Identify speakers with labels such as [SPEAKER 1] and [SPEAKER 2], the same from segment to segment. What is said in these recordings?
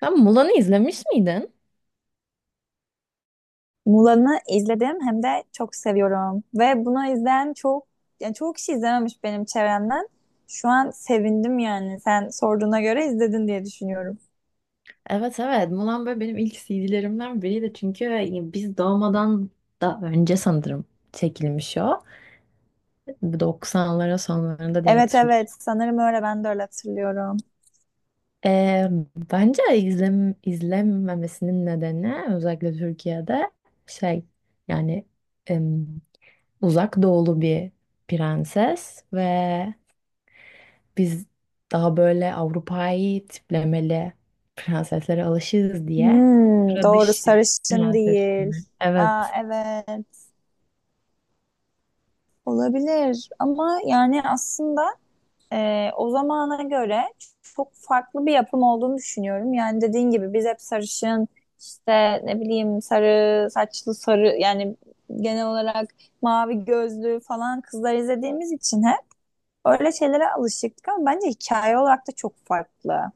[SPEAKER 1] Sen Mulan'ı izlemiş miydin?
[SPEAKER 2] Mulan'ı izledim hem de çok seviyorum. Ve bunu izleyen çok, yani çoğu kişi izlememiş benim çevremden. Şu an sevindim yani. Sen sorduğuna göre izledin diye düşünüyorum.
[SPEAKER 1] Evet, Mulan böyle benim ilk CD'lerimden biriydi çünkü biz doğmadan da önce sanırım çekilmiş o. 90'lara sonlarında diye
[SPEAKER 2] Evet,
[SPEAKER 1] hatırlıyorum.
[SPEAKER 2] evet, sanırım öyle, ben de öyle hatırlıyorum.
[SPEAKER 1] Ee, bence izlenmemesinin nedeni özellikle Türkiye'de şey yani em, uzak doğulu bir prenses ve biz daha böyle Avrupa'yı tiplemeli prenseslere alışırız diye
[SPEAKER 2] Hmm,
[SPEAKER 1] sıra
[SPEAKER 2] doğru,
[SPEAKER 1] dışı
[SPEAKER 2] sarışın
[SPEAKER 1] prenses
[SPEAKER 2] değil.
[SPEAKER 1] gibi.
[SPEAKER 2] Aa,
[SPEAKER 1] Evet.
[SPEAKER 2] evet olabilir ama yani aslında o zamana göre çok farklı bir yapım olduğunu düşünüyorum. Yani dediğin gibi biz hep sarışın, işte ne bileyim, sarı saçlı sarı yani genel olarak mavi gözlü falan kızlar izlediğimiz için hep öyle şeylere alışıktık ama bence hikaye olarak da çok farklı.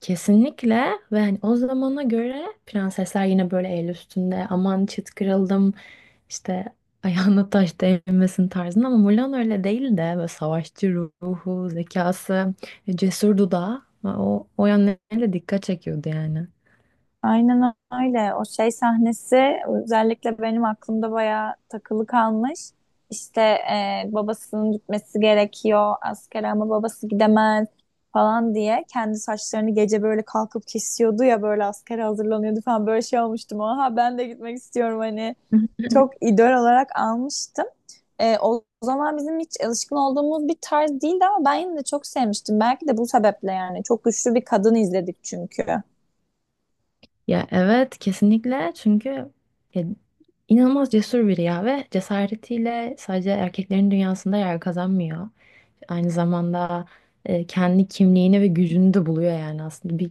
[SPEAKER 1] Kesinlikle. Ve hani o zamana göre prensesler yine böyle el üstünde, aman çıt kırıldım işte ayağına taş değmesin tarzında, ama Mulan öyle değil de böyle savaşçı ruhu, zekası, cesur dudağı, o yönleriyle dikkat çekiyordu yani.
[SPEAKER 2] Aynen öyle. O şey sahnesi özellikle benim aklımda bayağı takılı kalmış. İşte babasının gitmesi gerekiyor askere ama babası gidemez falan diye kendi saçlarını gece böyle kalkıp kesiyordu ya, böyle askere hazırlanıyordu falan, böyle şey olmuştum. Aha, ben de gitmek istiyorum hani, çok idol olarak almıştım. O zaman bizim hiç alışkın olduğumuz bir tarz değildi ama ben yine de çok sevmiştim. Belki de bu sebeple yani. Çok güçlü bir kadın izledik çünkü.
[SPEAKER 1] Ya evet, kesinlikle. Çünkü ya, inanılmaz cesur biri ya ve cesaretiyle sadece erkeklerin dünyasında yer kazanmıyor. Aynı zamanda kendi kimliğini ve gücünü de buluyor. Yani aslında bir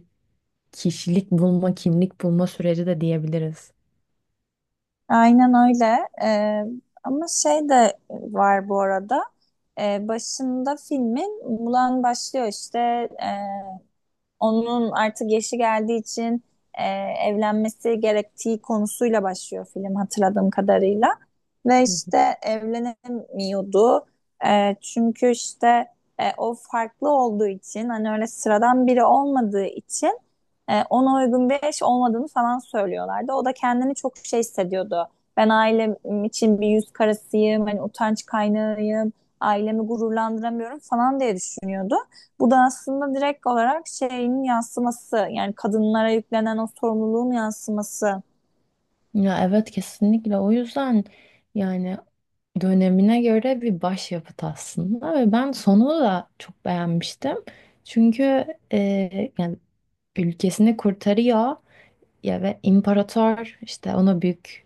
[SPEAKER 1] kişilik bulma, kimlik bulma süreci de diyebiliriz.
[SPEAKER 2] Aynen öyle. Ama şey de var bu arada. Başında filmin Mulan başlıyor işte. E, Onun artık yaşı geldiği için e, evlenmesi gerektiği konusuyla başlıyor film hatırladığım kadarıyla. Ve
[SPEAKER 1] Hı hı.
[SPEAKER 2] işte evlenemiyordu. Çünkü işte o farklı olduğu için, hani öyle sıradan biri olmadığı için ona uygun bir eş olmadığını falan söylüyorlardı. O da kendini çok şey hissediyordu. Ben ailem için bir yüz karasıyım, hani utanç kaynağıyım, ailemi gururlandıramıyorum falan diye düşünüyordu. Bu da aslında direkt olarak şeyin yansıması, yani kadınlara yüklenen o sorumluluğun yansıması.
[SPEAKER 1] Ya evet, kesinlikle. O yüzden yani dönemine göre bir başyapıt aslında ve ben sonunu da çok beğenmiştim. Çünkü e, yani ülkesini kurtarıyor. Ya ve imparator işte ona büyük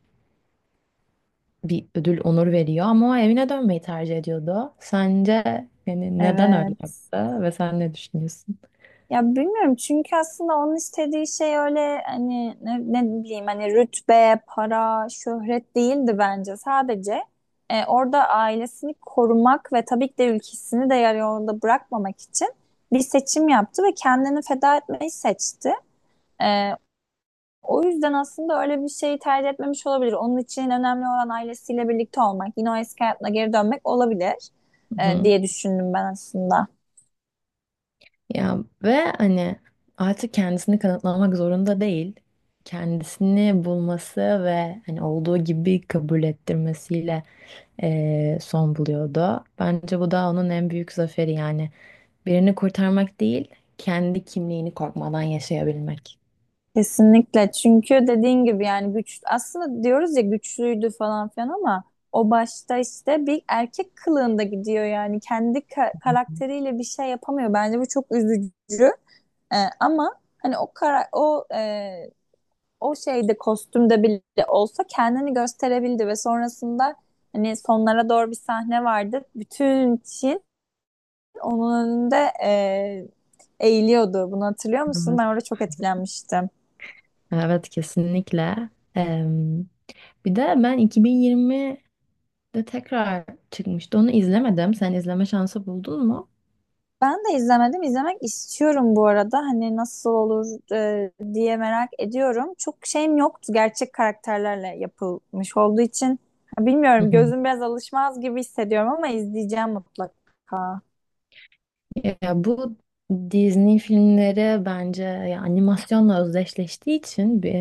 [SPEAKER 1] bir ödül, onur veriyor ama o evine dönmeyi tercih ediyordu. Sence yani neden öyle
[SPEAKER 2] Evet.
[SPEAKER 1] yaptı ve sen ne düşünüyorsun?
[SPEAKER 2] Ya, bilmiyorum çünkü aslında onun istediği şey öyle hani ne bileyim, hani rütbe, para, şöhret değildi bence. Sadece orada ailesini korumak ve tabii ki de ülkesini de yarı yolda bırakmamak için bir seçim yaptı ve kendini feda etmeyi seçti. E, O yüzden aslında öyle bir şeyi tercih etmemiş olabilir. Onun için önemli olan ailesiyle birlikte olmak, yine o eski hayatına geri dönmek olabilir
[SPEAKER 1] Hı.
[SPEAKER 2] diye düşündüm ben aslında.
[SPEAKER 1] Ya, ve hani artık kendisini kanıtlamak zorunda değil. Kendisini bulması ve hani olduğu gibi kabul ettirmesiyle son buluyordu. Bence bu da onun en büyük zaferi yani, birini kurtarmak değil, kendi kimliğini korkmadan yaşayabilmek.
[SPEAKER 2] Kesinlikle, çünkü dediğin gibi yani güç, aslında diyoruz ya, güçlüydü falan filan ama o başta işte bir erkek kılığında gidiyor, yani kendi karakteriyle bir şey yapamıyor. Bence bu çok üzücü. E, ama hani o kara o e, o şeyde, kostümde bile olsa kendini gösterebildi ve sonrasında hani sonlara doğru bir sahne vardı. Bütün Çin onun önünde e, eğiliyordu. Bunu hatırlıyor musun?
[SPEAKER 1] Evet.
[SPEAKER 2] Ben orada çok etkilenmiştim.
[SPEAKER 1] Evet, kesinlikle. Bir de ben 2020'de tekrar çıkmıştı. Onu izlemedim. Sen izleme şansı buldun mu?
[SPEAKER 2] Ben de izlemedim. İzlemek istiyorum bu arada. Hani nasıl olur diye merak ediyorum. Çok şeyim yoktu. Gerçek karakterlerle yapılmış olduğu için.
[SPEAKER 1] Hı
[SPEAKER 2] Bilmiyorum.
[SPEAKER 1] hı.
[SPEAKER 2] Gözüm biraz alışmaz gibi hissediyorum ama izleyeceğim mutlaka.
[SPEAKER 1] Ya bu Disney filmleri bence ya animasyonla özdeşleştiği için bir,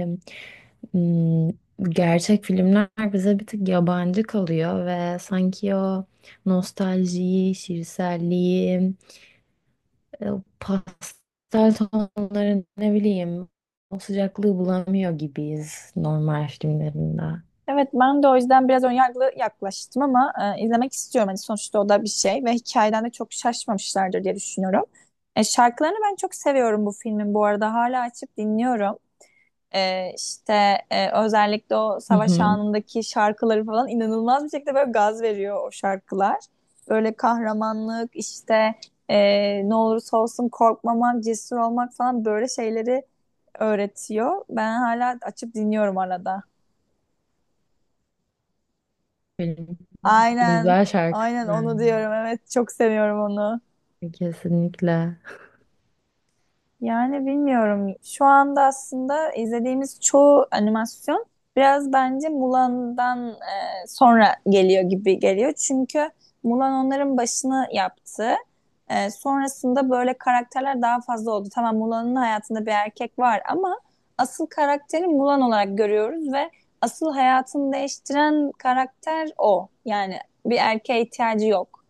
[SPEAKER 1] m, gerçek filmler bize bir tık yabancı kalıyor ve sanki o nostaljiyi, şiirselliği, o pastel tonları, ne bileyim o sıcaklığı bulamıyor gibiyiz normal filmlerinde.
[SPEAKER 2] Evet, ben de o yüzden biraz önyargılı yaklaştım ama izlemek istiyorum. Hani sonuçta o da bir şey ve hikayeden de çok şaşmamışlardır diye düşünüyorum. Şarkılarını ben çok seviyorum bu filmin bu arada. Hala açıp dinliyorum. Özellikle o
[SPEAKER 1] Hı
[SPEAKER 2] savaş
[SPEAKER 1] hı.
[SPEAKER 2] anındaki şarkıları falan inanılmaz bir şekilde böyle gaz veriyor o şarkılar. Böyle kahramanlık işte, ne olursa olsun korkmamak, cesur olmak falan, böyle şeyleri öğretiyor. Ben hala açıp dinliyorum arada.
[SPEAKER 1] Benim
[SPEAKER 2] Aynen.
[SPEAKER 1] güzel
[SPEAKER 2] Aynen
[SPEAKER 1] şarkılar
[SPEAKER 2] onu diyorum. Evet, çok seviyorum onu.
[SPEAKER 1] yani, kesinlikle.
[SPEAKER 2] Yani bilmiyorum. Şu anda aslında izlediğimiz çoğu animasyon biraz bence Mulan'dan sonra geliyor gibi geliyor. Çünkü Mulan onların başını yaptı. Sonrasında böyle karakterler daha fazla oldu. Tamam, Mulan'ın hayatında bir erkek var ama asıl karakteri Mulan olarak görüyoruz ve asıl hayatını değiştiren karakter o. Yani bir erkeğe ihtiyacı yok.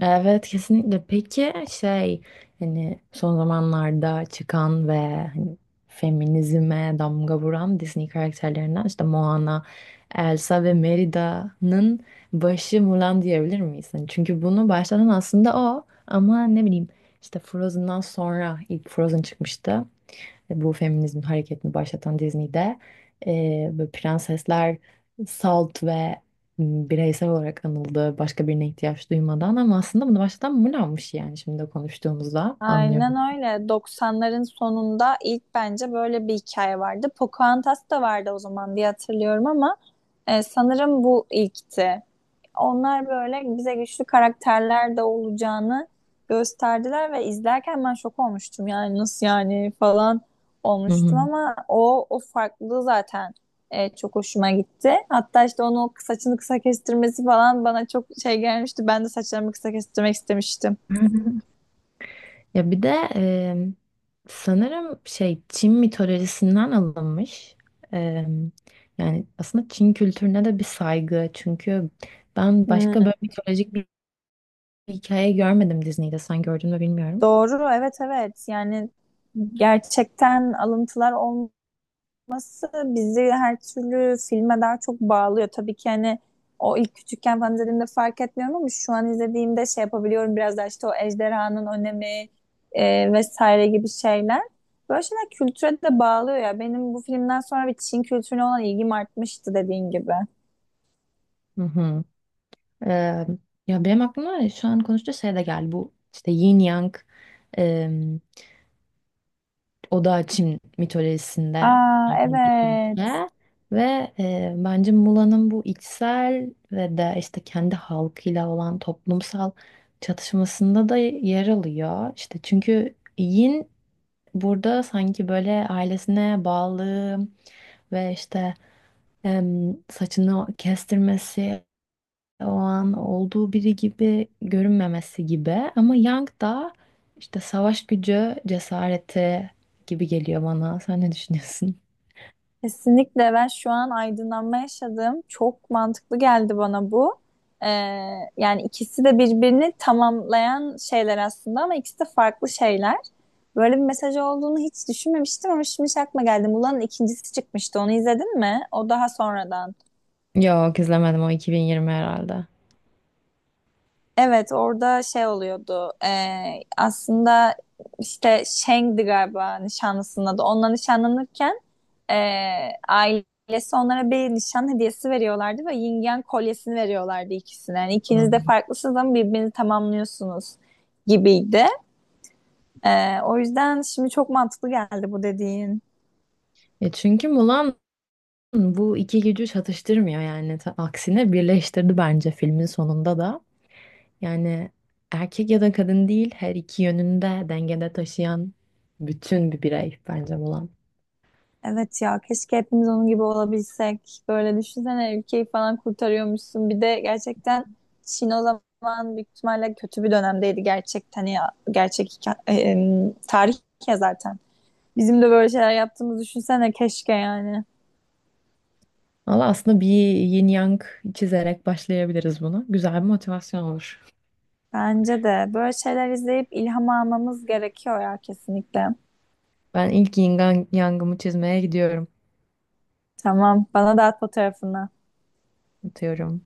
[SPEAKER 1] Evet, kesinlikle. Peki şey, hani son zamanlarda çıkan ve hani feminizme damga vuran Disney karakterlerinden işte Moana, Elsa ve Merida'nın başı Mulan diyebilir miyiz? Hani çünkü bunu başlatan aslında o, ama ne bileyim işte Frozen'dan sonra ilk Frozen çıkmıştı, bu feminizm hareketini başlatan Disney'de. Böyle prensesler salt ve bireysel olarak anıldı, başka birine ihtiyaç duymadan, ama aslında bunu başlatan Mulan'mış yani, şimdi konuştuğumuzda
[SPEAKER 2] Aynen
[SPEAKER 1] anlıyorum.
[SPEAKER 2] öyle. 90'ların sonunda ilk bence böyle bir hikaye vardı. Pocahontas da vardı o zaman diye hatırlıyorum ama sanırım bu ilkti. Onlar böyle bize güçlü karakterler de olacağını gösterdiler ve izlerken ben şok olmuştum. Yani nasıl yani falan
[SPEAKER 1] Hı hı.
[SPEAKER 2] olmuştum ama o farklılığı zaten çok hoşuma gitti. Hatta işte onun o saçını kısa kestirmesi falan bana çok şey gelmişti. Ben de saçlarımı kısa kestirmek istemiştim.
[SPEAKER 1] Ya bir de e, sanırım şey Çin mitolojisinden alınmış. E, Yani aslında Çin kültürüne de bir saygı. Çünkü ben
[SPEAKER 2] Hmm.
[SPEAKER 1] başka böyle mitolojik bir hikaye görmedim Disney'de. Sen gördün mü bilmiyorum.
[SPEAKER 2] Doğru, evet, evet. Yani gerçekten alıntılar olması bizi her türlü filme daha çok bağlıyor. Tabii ki hani o ilk küçükken falan izlediğimde fark etmiyorum ama şu an izlediğimde şey yapabiliyorum biraz daha, işte o ejderhanın önemi vesaire gibi şeyler. Böyle şeyler kültüre de bağlıyor ya. Benim bu filmden sonra bir Çin kültürüne olan ilgim artmıştı, dediğin gibi.
[SPEAKER 1] Hı hı. Ee, ya benim aklıma şu an konuştuğu şey de geldi. Bu işte Yin Yang, e, Oda Çin mitolojisinde
[SPEAKER 2] Aa,
[SPEAKER 1] yani bir
[SPEAKER 2] evet.
[SPEAKER 1] ilke ve bence Mula'nın bu içsel ve de işte kendi halkıyla olan toplumsal çatışmasında da yer alıyor. İşte çünkü Yin burada sanki böyle ailesine bağlı ve işte saçını kestirmesi, o an olduğu biri gibi görünmemesi gibi, ama Yang da işte savaş gücü, cesareti gibi geliyor bana. Sen ne düşünüyorsun?
[SPEAKER 2] Kesinlikle, ben şu an aydınlanma yaşadım. Çok mantıklı geldi bana bu. Ee, Yani ikisi de birbirini tamamlayan şeyler aslında ama ikisi de farklı şeyler. Böyle bir mesaj olduğunu hiç düşünmemiştim ama şimdi şey aklıma geldi. Mulan'ın ikincisi çıkmıştı. Onu izledin mi? O daha sonradan.
[SPEAKER 1] Yok, izlemedim, o 2020 herhalde.
[SPEAKER 2] Evet, orada şey oluyordu. Aslında işte Shang'di galiba nişanlısının adı. Onunla nişanlanırken ailesi onlara bir nişan hediyesi veriyorlardı ve yin yang kolyesini veriyorlardı ikisine. Yani ikiniz de
[SPEAKER 1] Hmm.
[SPEAKER 2] farklısınız ama birbirini tamamlıyorsunuz gibiydi. O yüzden şimdi çok mantıklı geldi bu dediğin.
[SPEAKER 1] E çünkü Mulan bu iki gücü çatıştırmıyor yani. Aksine birleştirdi bence filmin sonunda da. Yani erkek ya da kadın değil, her iki yönünde dengede taşıyan bütün bir birey bence Mulan.
[SPEAKER 2] Evet ya, keşke hepimiz onun gibi olabilsek. Böyle düşünsene, ülkeyi falan kurtarıyormuşsun. Bir de gerçekten Çin o zaman büyük ihtimalle kötü bir dönemdeydi gerçekten ya. Tarih ya zaten. Bizim de böyle şeyler yaptığımızı düşünsene keşke yani.
[SPEAKER 1] Valla aslında bir yin yang çizerek başlayabiliriz buna. Güzel bir motivasyon olur.
[SPEAKER 2] Bence de böyle şeyler izleyip ilham almamız gerekiyor ya, kesinlikle.
[SPEAKER 1] Ben ilk yangımı çizmeye gidiyorum.
[SPEAKER 2] Tamam, bana da at fotoğrafını.
[SPEAKER 1] Atıyorum.